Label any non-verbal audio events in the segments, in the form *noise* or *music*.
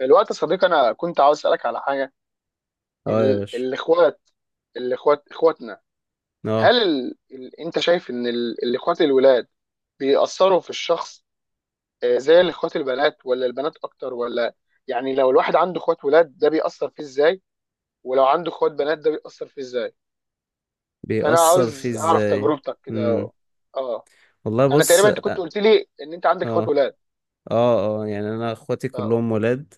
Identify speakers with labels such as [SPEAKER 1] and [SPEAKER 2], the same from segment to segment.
[SPEAKER 1] الوقت يا صديقي، انا كنت عاوز اسالك على حاجه.
[SPEAKER 2] اه، يا باشا.
[SPEAKER 1] الاخوات، اخواتنا، هل
[SPEAKER 2] اه،
[SPEAKER 1] انت شايف ان الاخوات الولاد بيأثروا في الشخص؟ زي الاخوات البنات؟ ولا البنات اكتر؟ ولا يعني لو الواحد عنده اخوات ولاد ده بيأثر فيه ازاي، ولو عنده اخوات بنات ده بيأثر فيه ازاي؟ فانا
[SPEAKER 2] بيأثر فيه
[SPEAKER 1] عاوز اعرف
[SPEAKER 2] ازاي؟
[SPEAKER 1] تجربتك
[SPEAKER 2] امم.
[SPEAKER 1] كده. اه،
[SPEAKER 2] والله
[SPEAKER 1] انا
[SPEAKER 2] بص.
[SPEAKER 1] تقريبا انت كنت قلت لي ان انت عندك اخوات
[SPEAKER 2] اه،
[SPEAKER 1] ولاد.
[SPEAKER 2] اه، اه، يعني انا اخواتي
[SPEAKER 1] ف...
[SPEAKER 2] كلهم ولاد.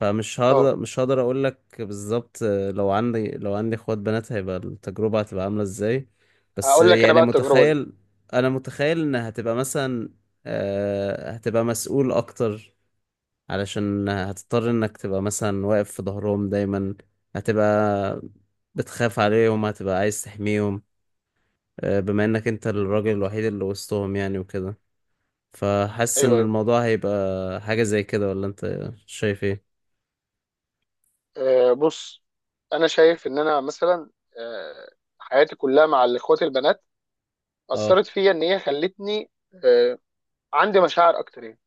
[SPEAKER 2] فمش
[SPEAKER 1] اه.
[SPEAKER 2] هقدر مش هقدر اقول لك بالظبط. لو عندي اخوات بنات هيبقى التجربة هتبقى عاملة ازاي. بس
[SPEAKER 1] هقول لك انا
[SPEAKER 2] يعني
[SPEAKER 1] بقى التجربه دي.
[SPEAKER 2] متخيل، انا متخيل ان هتبقى مثلا هتبقى مسؤول اكتر، علشان هتضطر انك تبقى مثلا واقف في ظهرهم دايما، هتبقى بتخاف عليهم، هتبقى عايز تحميهم، بما انك انت الراجل الوحيد اللي وسطهم، يعني وكده. فحاسس
[SPEAKER 1] ايوه
[SPEAKER 2] ان
[SPEAKER 1] أيوه.
[SPEAKER 2] الموضوع هيبقى حاجة زي كده، ولا انت شايف ايه؟
[SPEAKER 1] بص، انا شايف ان انا مثلا، آه، حياتي كلها مع اخواتي البنات
[SPEAKER 2] اه،
[SPEAKER 1] اثرت فيا ان هي خلتني، آه، عندي مشاعر اكتر يعني.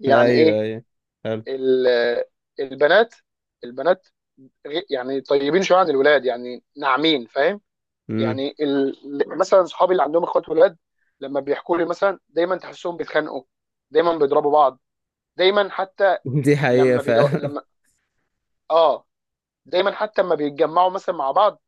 [SPEAKER 1] يعني
[SPEAKER 2] ايوه،
[SPEAKER 1] ايه؟
[SPEAKER 2] ايوه، حلو.
[SPEAKER 1] ال- آه، البنات، البنات يعني طيبين شويه عن الولاد، يعني ناعمين، فاهم؟
[SPEAKER 2] امم.
[SPEAKER 1] يعني مثلا صحابي اللي عندهم اخوات ولاد لما بيحكوا لي مثلا، دايما تحسهم بيتخانقوا، دايما بيضربوا بعض، دايما حتى
[SPEAKER 2] *laughs* دي حقيقة
[SPEAKER 1] لما
[SPEAKER 2] فعلا.
[SPEAKER 1] اه، دايما حتى لما بيتجمعوا مثلا مع بعض،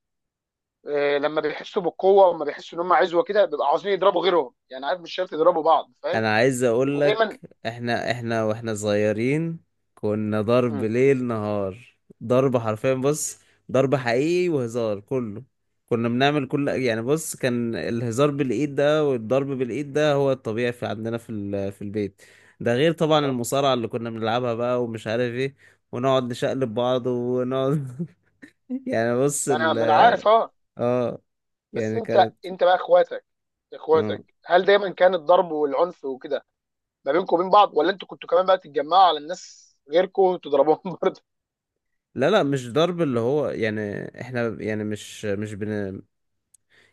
[SPEAKER 1] لما بيحسوا بالقوه وما بيحسوا ان هم عزوه كده بيبقوا عاوزين يضربوا غيرهم، يعني عارف، مش شرط يضربوا بعض، فاهم؟
[SPEAKER 2] انا عايز اقول
[SPEAKER 1] بيبقوا دايما.
[SPEAKER 2] لك، احنا واحنا صغيرين كنا ضرب
[SPEAKER 1] مم.
[SPEAKER 2] ليل نهار. ضرب حرفيا، بص، ضرب حقيقي وهزار كله. كنا بنعمل كل،
[SPEAKER 1] مم.
[SPEAKER 2] يعني بص، كان الهزار بالايد ده والضرب بالايد ده هو الطبيعي في عندنا في في البيت. ده غير طبعا
[SPEAKER 1] طب
[SPEAKER 2] المصارعة اللي كنا بنلعبها بقى ومش عارف ايه، ونقعد نشقلب بعض ونقعد. *laughs* يعني بص
[SPEAKER 1] ما انا
[SPEAKER 2] ال.
[SPEAKER 1] ما انا عارف، اه.
[SPEAKER 2] اه،
[SPEAKER 1] بس
[SPEAKER 2] يعني
[SPEAKER 1] انت
[SPEAKER 2] كانت.
[SPEAKER 1] انت بقى اخواتك،
[SPEAKER 2] اه،
[SPEAKER 1] اخواتك، هل دايما كان الضرب والعنف وكده ما بينكم وبين بعض؟ ولا انتوا كنتوا كمان بقى تتجمعوا على الناس غيركم وتضربوهم *laughs* برضه؟
[SPEAKER 2] لا، لا، مش ضرب اللي هو، يعني احنا، يعني مش.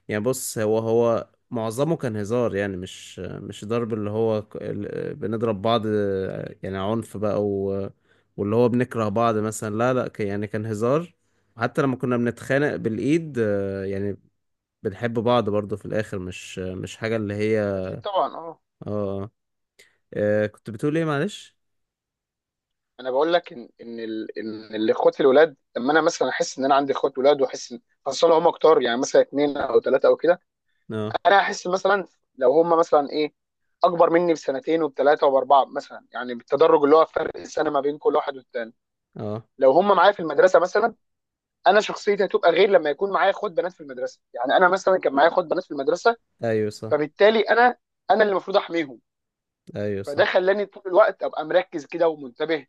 [SPEAKER 2] يعني بص، هو هو معظمه كان هزار، يعني مش ضرب اللي هو، بنضرب بعض، يعني عنف بقى و... واللي هو بنكره بعض مثلا، لا، لا، يعني كان هزار. حتى لما كنا بنتخانق بالإيد، يعني بنحب بعض برضه في الآخر، مش مش حاجة اللي هي.
[SPEAKER 1] اكيد طبعا، اه.
[SPEAKER 2] اه. كنت بتقول ايه، معلش؟
[SPEAKER 1] انا بقول لك ان ان الاخوات الولاد لما انا مثلا احس ان انا عندي اخوات ولاد واحس ان، خاصه لو هم كتار يعني مثلا اثنين او ثلاثه او كده،
[SPEAKER 2] اه،
[SPEAKER 1] انا احس مثلا لو هم مثلا ايه، اكبر مني بسنتين وبثلاثه وباربعه مثلا، يعني بالتدرج اللي هو فرق السنه ما بين كل واحد والتاني.
[SPEAKER 2] اه،
[SPEAKER 1] لو هم معايا في المدرسه مثلا، انا شخصيتي هتبقى غير لما يكون معايا اخوات بنات في المدرسه. يعني انا مثلا كان معايا اخوات بنات في المدرسه،
[SPEAKER 2] ايوه، صح.
[SPEAKER 1] فبالتالي انا، انا اللي المفروض احميهم.
[SPEAKER 2] ايوه،
[SPEAKER 1] فده خلاني طول الوقت ابقى مركز كده ومنتبه،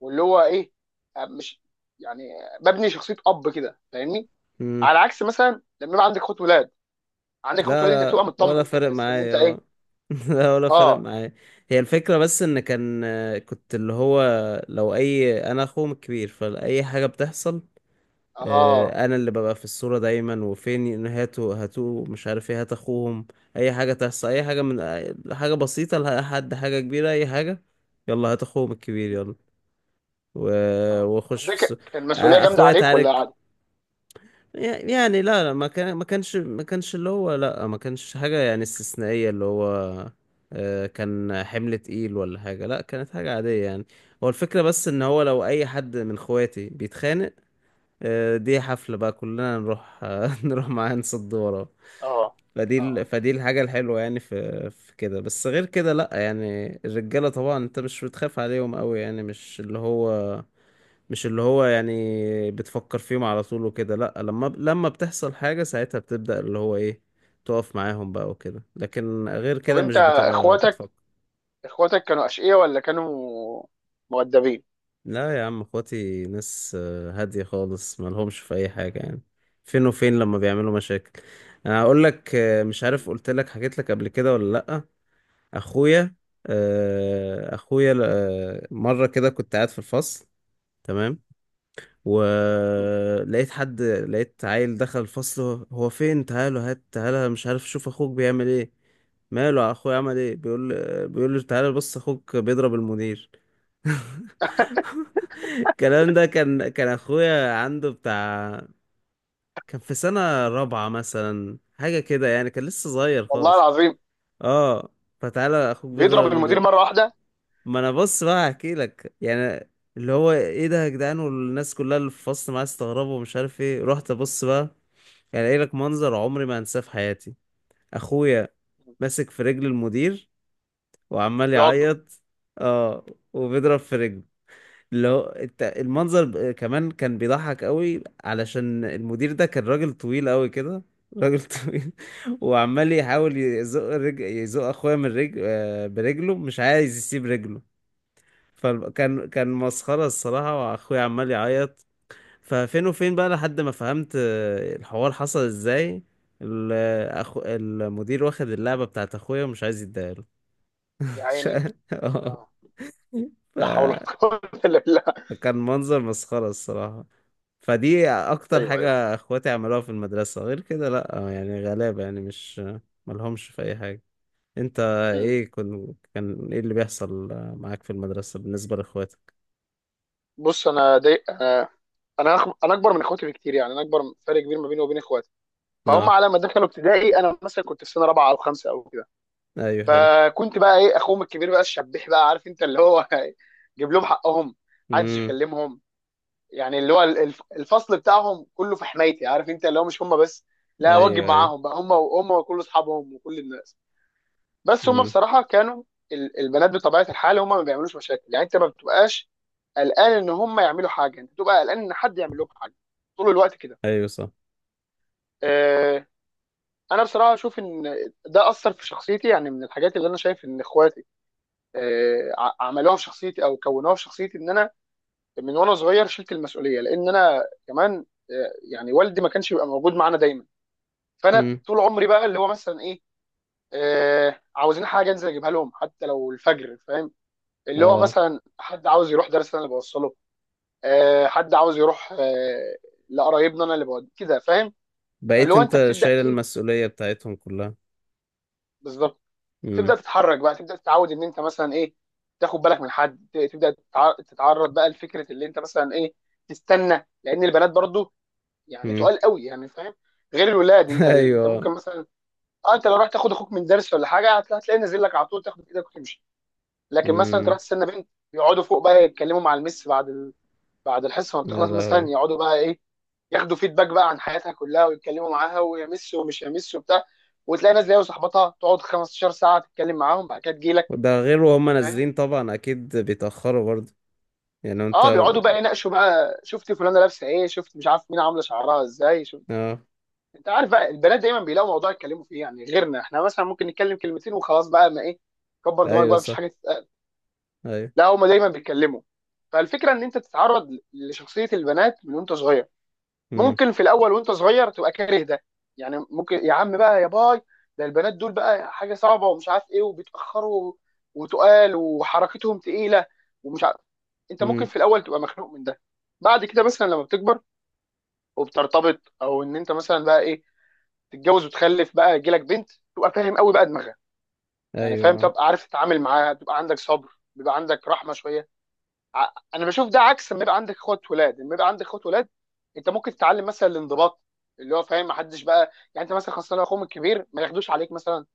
[SPEAKER 1] واللي هو ايه، مش يعني ببني شخصيه اب كده، فاهمني؟
[SPEAKER 2] صح.
[SPEAKER 1] على عكس مثلا لما يبقى عندك اخوات ولاد، عندك اخوات
[SPEAKER 2] لا،
[SPEAKER 1] ولاد انت بتبقى
[SPEAKER 2] لا، ولا
[SPEAKER 1] مطمن كده،
[SPEAKER 2] فارق
[SPEAKER 1] تحس ان
[SPEAKER 2] معايا،
[SPEAKER 1] انت ايه.
[SPEAKER 2] اه. *laughs* لا، ولا فارق
[SPEAKER 1] اه.
[SPEAKER 2] معايا. هي الفكرة بس ان كان، كنت اللي هو لو اي، انا اخوهم الكبير، فاي حاجة بتحصل،
[SPEAKER 1] اه.
[SPEAKER 2] انا اللي ببقى في الصورة دايما، وفين، هاتوا هاتوا مش عارف ايه، هات اخوهم. اي حاجة تحصل، اي حاجة من حاجة بسيطة لحد حاجة كبيرة، اي حاجة، يلا هات اخوهم الكبير،
[SPEAKER 1] مم.
[SPEAKER 2] يلا.
[SPEAKER 1] اه، طب
[SPEAKER 2] واخش
[SPEAKER 1] ده
[SPEAKER 2] في الصورة.
[SPEAKER 1] كان مسؤولية جامدة
[SPEAKER 2] اخويا
[SPEAKER 1] عليك ولا
[SPEAKER 2] تعارك.
[SPEAKER 1] عادي؟
[SPEAKER 2] يعني، لا، لا، ما كان، ما كانش اللي هو، لا، ما كانش حاجة يعني استثنائية، اللي هو كان حمل تقيل ولا حاجة، لا، كانت حاجة عادية يعني. هو الفكرة بس ان هو لو اي حد من اخواتي بيتخانق، دي حفلة بقى، كلنا نروح، *laughs* نروح معاه، نصد وراه.
[SPEAKER 1] اه.
[SPEAKER 2] فدي ال-
[SPEAKER 1] اه.
[SPEAKER 2] فدي الحاجة الحلوة يعني، في في كده. بس غير كده، لا، يعني الرجالة طبعا انت مش بتخاف عليهم قوي، يعني مش اللي هو، مش اللي هو، يعني بتفكر فيهم على طول وكده، لا. لما لما بتحصل حاجة ساعتها بتبدأ اللي هو ايه، تقف معاهم بقى وكده، لكن غير
[SPEAKER 1] طب
[SPEAKER 2] كده
[SPEAKER 1] انت
[SPEAKER 2] مش بتبقى
[SPEAKER 1] اخواتك،
[SPEAKER 2] بتفكر.
[SPEAKER 1] اخواتك كانوا اشقياء ولا كانوا مؤدبين؟
[SPEAKER 2] لا يا عم، اخواتي ناس هادية خالص، مالهمش في اي حاجة يعني. فين وفين لما بيعملوا مشاكل. انا هقول لك، مش عارف
[SPEAKER 1] مم.
[SPEAKER 2] قلت لك، حكيت لك قبل كده ولا لا. اخويا، اخويا، مرة كده كنت قاعد في الفصل، تمام،
[SPEAKER 1] مم.
[SPEAKER 2] ولقيت حد، لقيت عيل دخل الفصل، هو فين، تعالوا، هات، تعالى، مش عارف، شوف اخوك بيعمل ايه. ماله اخويا، عمل ايه؟ بيقول، بيقول له: تعالى بص اخوك بيضرب المدير. *laughs* الكلام ده كان اخويا عنده بتاع، كان في سنة رابعة مثلا، حاجة كده يعني، كان لسه صغير
[SPEAKER 1] والله
[SPEAKER 2] خالص.
[SPEAKER 1] العظيم!
[SPEAKER 2] اه. فتعالى اخوك بيضرب
[SPEAKER 1] بيضرب المدير؟
[SPEAKER 2] المدير.
[SPEAKER 1] مرة واحدة؟
[SPEAKER 2] ما انا بص بقى هحكي لك يعني. اللي هو ايه ده يا جدعان، والناس كلها اللي في الفصل معايا استغربوا ومش عارف ايه، رحت ابص بقى، يعني قايل لك منظر عمري ما انساه في حياتي. اخويا ماسك في رجل المدير، وعمال
[SPEAKER 1] بيعضه؟
[SPEAKER 2] يعيط. اه. وبيضرب في رجله، اللي هو انت المنظر، كمان كان بيضحك قوي، علشان المدير ده كان راجل طويل قوي كده، راجل *laughs* طويل، وعمال يحاول يزق اخويا من رجل برجله، مش عايز يسيب رجله. فكان كان مسخرة الصراحة، واخويا عمال يعيط. ففين وفين بقى لحد ما فهمت الحوار حصل ازاي. ال- المدير واخد اللعبة بتاعت اخويا ومش عايز يديها له.
[SPEAKER 1] يا
[SPEAKER 2] *laughs* ش-
[SPEAKER 1] عيني.
[SPEAKER 2] آه.
[SPEAKER 1] اه. لا حول ولا قوة الا بالله.
[SPEAKER 2] فكان منظر مسخرة الصراحة. فدي اكتر
[SPEAKER 1] ايوه ايوه.
[SPEAKER 2] حاجة اخواتي عملوها في المدرسة. غير كده لا، يعني غلابة، يعني مش، ملهمش في اي حاجة. انت
[SPEAKER 1] مم.
[SPEAKER 2] ايه، كان ايه اللي بيحصل معاك في المدرسة بالنسبة لاخواتك؟
[SPEAKER 1] بص، انا دي انا، انا اكبر من اخواتي بكتير، يعني انا اكبر، فرق كبير ما بيني وبين اخواتي. فهم
[SPEAKER 2] اه،
[SPEAKER 1] على ما دخلوا ابتدائي انا مثلا كنت في سنه رابعه او خمسه او كده،
[SPEAKER 2] ايوه، حلو.
[SPEAKER 1] فكنت بقى ايه، اخوهم الكبير بقى، الشبيح بقى، عارف انت اللي هو، *laughs* جيب لهم حقهم، محدش
[SPEAKER 2] امم.
[SPEAKER 1] يكلمهم. يعني اللي هو الفصل بتاعهم كله في حمايتي، عارف انت اللي هو، مش هم بس، لا واجب
[SPEAKER 2] ايوه، ايوه.
[SPEAKER 1] معاهم بقى هم وهم وكل اصحابهم وكل الناس. بس هم
[SPEAKER 2] امم.
[SPEAKER 1] بصراحه كانوا، البنات بطبيعه الحال هم ما بيعملوش مشاكل، يعني انت ما بتبقاش قلقان ان هم يعملوا حاجه، انت بتبقى قلقان ان حد يعمل لهم حاجه طول الوقت كده.
[SPEAKER 2] ايوه، صح.
[SPEAKER 1] آه، انا بصراحه اشوف ان ده اثر في شخصيتي، يعني من الحاجات اللي انا شايف ان اخواتي عملوها في شخصيتي او كونوها في شخصيتي ان انا من وانا صغير شلت المسؤوليه، لان انا كمان يعني والدي ما كانش بيبقى موجود معانا دايما. فانا
[SPEAKER 2] امم.
[SPEAKER 1] طول عمري بقى اللي هو مثلا ايه، عاوزين حاجه انزل اجيبها لهم حتى لو الفجر، فاهم؟ اللي هو
[SPEAKER 2] اه.
[SPEAKER 1] مثلا حد عاوز يروح درس انا اللي بوصله، حد عاوز يروح لقرايبنا انا اللي بود كده، فاهم؟ فاللي
[SPEAKER 2] بقيت
[SPEAKER 1] هو انت
[SPEAKER 2] انت
[SPEAKER 1] بتبدا
[SPEAKER 2] شايل
[SPEAKER 1] ايه،
[SPEAKER 2] المسؤولية بتاعتهم كلها.
[SPEAKER 1] بالظبط، تبدا
[SPEAKER 2] امم.
[SPEAKER 1] تتحرك بقى، تبدا تتعود ان انت مثلا ايه، تاخد بالك من حد، تبدا تتعرض بقى لفكره اللي انت مثلا ايه، تستنى، لان البنات برضو يعني
[SPEAKER 2] امم.
[SPEAKER 1] تقال قوي يعني، فاهم؟ غير الولاد،
[SPEAKER 2] *laughs*
[SPEAKER 1] انت انت
[SPEAKER 2] ايوه.
[SPEAKER 1] ممكن مثلا، اه، انت لو رحت تاخد اخوك من درس ولا حاجه هتلاقيه نازل لك على طول، تاخد ايدك وتمشي. لكن مثلا انت
[SPEAKER 2] امم.
[SPEAKER 1] رحت تستنى بنت، يقعدوا فوق بقى يتكلموا مع المس بعد بعد الحصه ما
[SPEAKER 2] يا
[SPEAKER 1] بتخلص مثلا،
[SPEAKER 2] لهوي.
[SPEAKER 1] يقعدوا بقى ايه، ياخدوا فيدباك بقى عن حياتها كلها ويتكلموا معاها ويمس ومش يمس وبتاع، وتلاقي ناس زي صاحبتها تقعد 15 ساعه تتكلم معاهم، بعد كده تجيلك،
[SPEAKER 2] وده غير وهم
[SPEAKER 1] فاهم؟
[SPEAKER 2] نازلين طبعا، اكيد بيتأخروا برضه. يعني
[SPEAKER 1] اه،
[SPEAKER 2] انت.
[SPEAKER 1] بيقعدوا بقى يناقشوا بقى، شفت فلانه لابسه ايه، شفت مش عارف مين عامله شعرها ازاي، شفت،
[SPEAKER 2] اه،
[SPEAKER 1] انت عارف بقى البنات دايما بيلاقوا موضوع يتكلموا فيه، يعني غيرنا احنا مثلا ممكن نتكلم كلمتين وخلاص بقى، ما ايه، كبر دماغك
[SPEAKER 2] ايوه،
[SPEAKER 1] بقى، مفيش
[SPEAKER 2] صح.
[SPEAKER 1] حاجه تتقال.
[SPEAKER 2] ايوه.
[SPEAKER 1] لا هما دايما بيتكلموا. فالفكره ان انت تتعرض لشخصيه البنات من وانت صغير،
[SPEAKER 2] امم.
[SPEAKER 1] ممكن في الاول وانت صغير تبقى كاره ده، يعني ممكن يا عم بقى يا باي، ده البنات دول بقى حاجه صعبه ومش عارف ايه، وبيتاخروا وتقال وحركتهم تقيله ومش عارف، انت ممكن
[SPEAKER 2] امم.
[SPEAKER 1] في الاول تبقى مخنوق من ده. بعد كده مثلا لما بتكبر وبترتبط، او ان انت مثلا بقى ايه، تتجوز وتخلف بقى يجيلك بنت، تبقى فاهم قوي بقى دماغها، يعني فاهم،
[SPEAKER 2] ايوه،
[SPEAKER 1] تبقى عارف تتعامل معاها، تبقى عندك صبر، بيبقى عندك رحمه شويه. انا بشوف ده عكس لما يبقى عندك اخوات ولاد. لما يبقى عندك اخوات ولاد انت ممكن تتعلم مثلا الانضباط، اللي هو فاهم، ما حدش بقى يعني انت مثلا خاصه لو اخوهم الكبير ما ياخدوش عليك مثلا،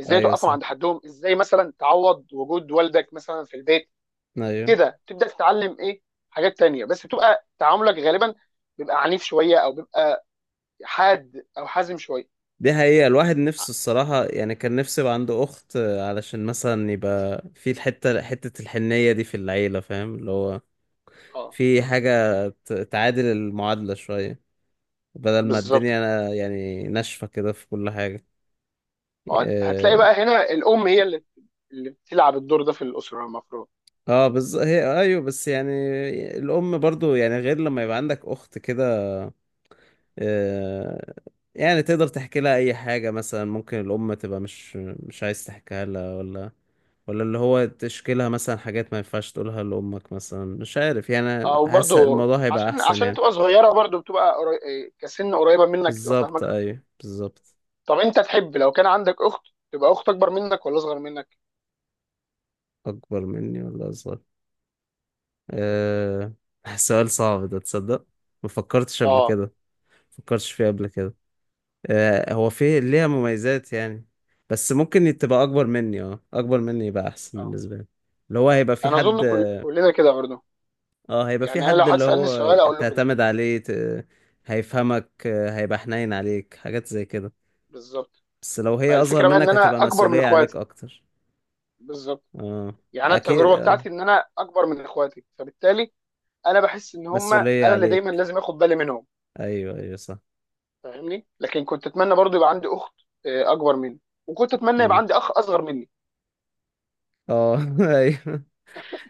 [SPEAKER 1] ازاي
[SPEAKER 2] ايوه،
[SPEAKER 1] توقفهم
[SPEAKER 2] صح.
[SPEAKER 1] عند حدهم، ازاي مثلا تعوض وجود والدك مثلا في البيت.
[SPEAKER 2] ايوه،
[SPEAKER 1] كده تبدا تتعلم ايه، حاجات تانية، بس بتبقى تعاملك غالبا بيبقى عنيف شويه او بيبقى حاد او حازم شويه.
[SPEAKER 2] دي حقيقة، الواحد نفسه الصراحة، يعني كان نفسه يبقى عنده أخت، علشان مثلا يبقى في الحتة، حتة الحنية دي في العيلة، فاهم اللي هو،
[SPEAKER 1] اه،
[SPEAKER 2] في حاجة تعادل المعادلة شوية، بدل ما
[SPEAKER 1] بالظبط.
[SPEAKER 2] الدنيا يعني ناشفة كده في كل حاجة.
[SPEAKER 1] ما هو
[SPEAKER 2] اه.
[SPEAKER 1] هتلاقي بقى هنا الام هي اللي، اللي بتلعب الدور ده في الاسره المفروض.
[SPEAKER 2] هي ايوه، بس يعني الام برضو، يعني غير لما يبقى عندك اخت كده. آه. يعني تقدر تحكي لها اي حاجة مثلا، ممكن الام تبقى مش، مش عايز تحكيها لها، ولا، ولا اللي هو تشكي لها مثلا حاجات ما ينفعش تقولها لامك مثلا، مش عارف، يعني
[SPEAKER 1] او
[SPEAKER 2] حاسس
[SPEAKER 1] برضو
[SPEAKER 2] الموضوع هيبقى
[SPEAKER 1] عشان
[SPEAKER 2] احسن
[SPEAKER 1] عشان
[SPEAKER 2] يعني.
[SPEAKER 1] تبقى صغيره برضو بتبقى إيه، كسن قريبه منك، تبقى
[SPEAKER 2] بالظبط،
[SPEAKER 1] فاهمك اكتر.
[SPEAKER 2] ايوه، بالظبط.
[SPEAKER 1] طب انت تحب لو كان عندك اخت، تبقى اخت اكبر منك ولا اصغر منك؟
[SPEAKER 2] اكبر مني ولا اصغر؟ آه. *laughs* سؤال صعب ده تصدق، ما فكرتش قبل
[SPEAKER 1] اه.
[SPEAKER 2] كده، فكرتش فيه قبل كده. آه، هو فيه ليها مميزات يعني، بس ممكن تبقى اكبر مني، اه، اكبر مني يبقى احسن
[SPEAKER 1] اه.
[SPEAKER 2] بالنسبه لي. اللي هو هيبقى في
[SPEAKER 1] انا اظن
[SPEAKER 2] حد.
[SPEAKER 1] كلنا كده برضو،
[SPEAKER 2] اه، هيبقى في
[SPEAKER 1] يعني انا لو
[SPEAKER 2] حد
[SPEAKER 1] حد
[SPEAKER 2] اللي
[SPEAKER 1] سالني
[SPEAKER 2] هو
[SPEAKER 1] السؤال اقول له كده.
[SPEAKER 2] تعتمد عليه ت... هيفهمك، هيبقى حنين عليك، حاجات زي كده.
[SPEAKER 1] بالظبط.
[SPEAKER 2] بس لو هي اصغر
[SPEAKER 1] فالفكره بقى ان
[SPEAKER 2] منك
[SPEAKER 1] انا
[SPEAKER 2] هتبقى
[SPEAKER 1] اكبر من
[SPEAKER 2] مسؤوليه عليك
[SPEAKER 1] اخواتي.
[SPEAKER 2] اكتر.
[SPEAKER 1] بالظبط.
[SPEAKER 2] اه،
[SPEAKER 1] يعني انا
[SPEAKER 2] اكيد.
[SPEAKER 1] التجربه
[SPEAKER 2] اه،
[SPEAKER 1] بتاعتي ان انا اكبر من اخواتي، فبالتالي انا بحس ان هم انا
[SPEAKER 2] مسؤوليه
[SPEAKER 1] اللي دايما
[SPEAKER 2] عليك.
[SPEAKER 1] لازم اخد بالي منهم،
[SPEAKER 2] ايوه، ايوه، صح.
[SPEAKER 1] فاهمني؟ لكن كنت اتمنى برضو يبقى عندي اخت اكبر مني، وكنت اتمنى يبقى
[SPEAKER 2] مم.
[SPEAKER 1] عندي اخ اصغر مني.
[SPEAKER 2] اه. *laughs* ايوه.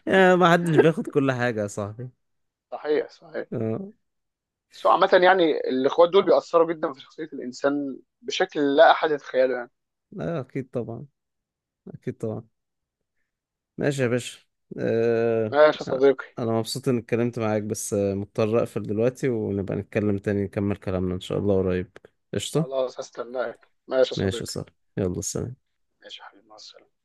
[SPEAKER 2] ما حدش بياخد كل حاجه يا صاحبي.
[SPEAKER 1] صحيح صحيح.
[SPEAKER 2] اه.
[SPEAKER 1] بس هو عامة يعني الإخوات دول بيأثروا جدا في شخصية الإنسان بشكل لا أحد يتخيله يعني.
[SPEAKER 2] لا، اكيد طبعا. اكيد طبعا. ماشي يا باشا. أه...
[SPEAKER 1] ماشي يا صديقي.
[SPEAKER 2] انا مبسوط اني اتكلمت معاك، بس مضطر اقفل دلوقتي، ونبقى نتكلم تاني، نكمل كلامنا ان شاء الله قريب. قشطة.
[SPEAKER 1] خلاص هستناك، ماشي يا
[SPEAKER 2] ماشي يا
[SPEAKER 1] صديقي.
[SPEAKER 2] صاحبي. يلا سلام.
[SPEAKER 1] ماشي يا حبيبي، مع السلامة.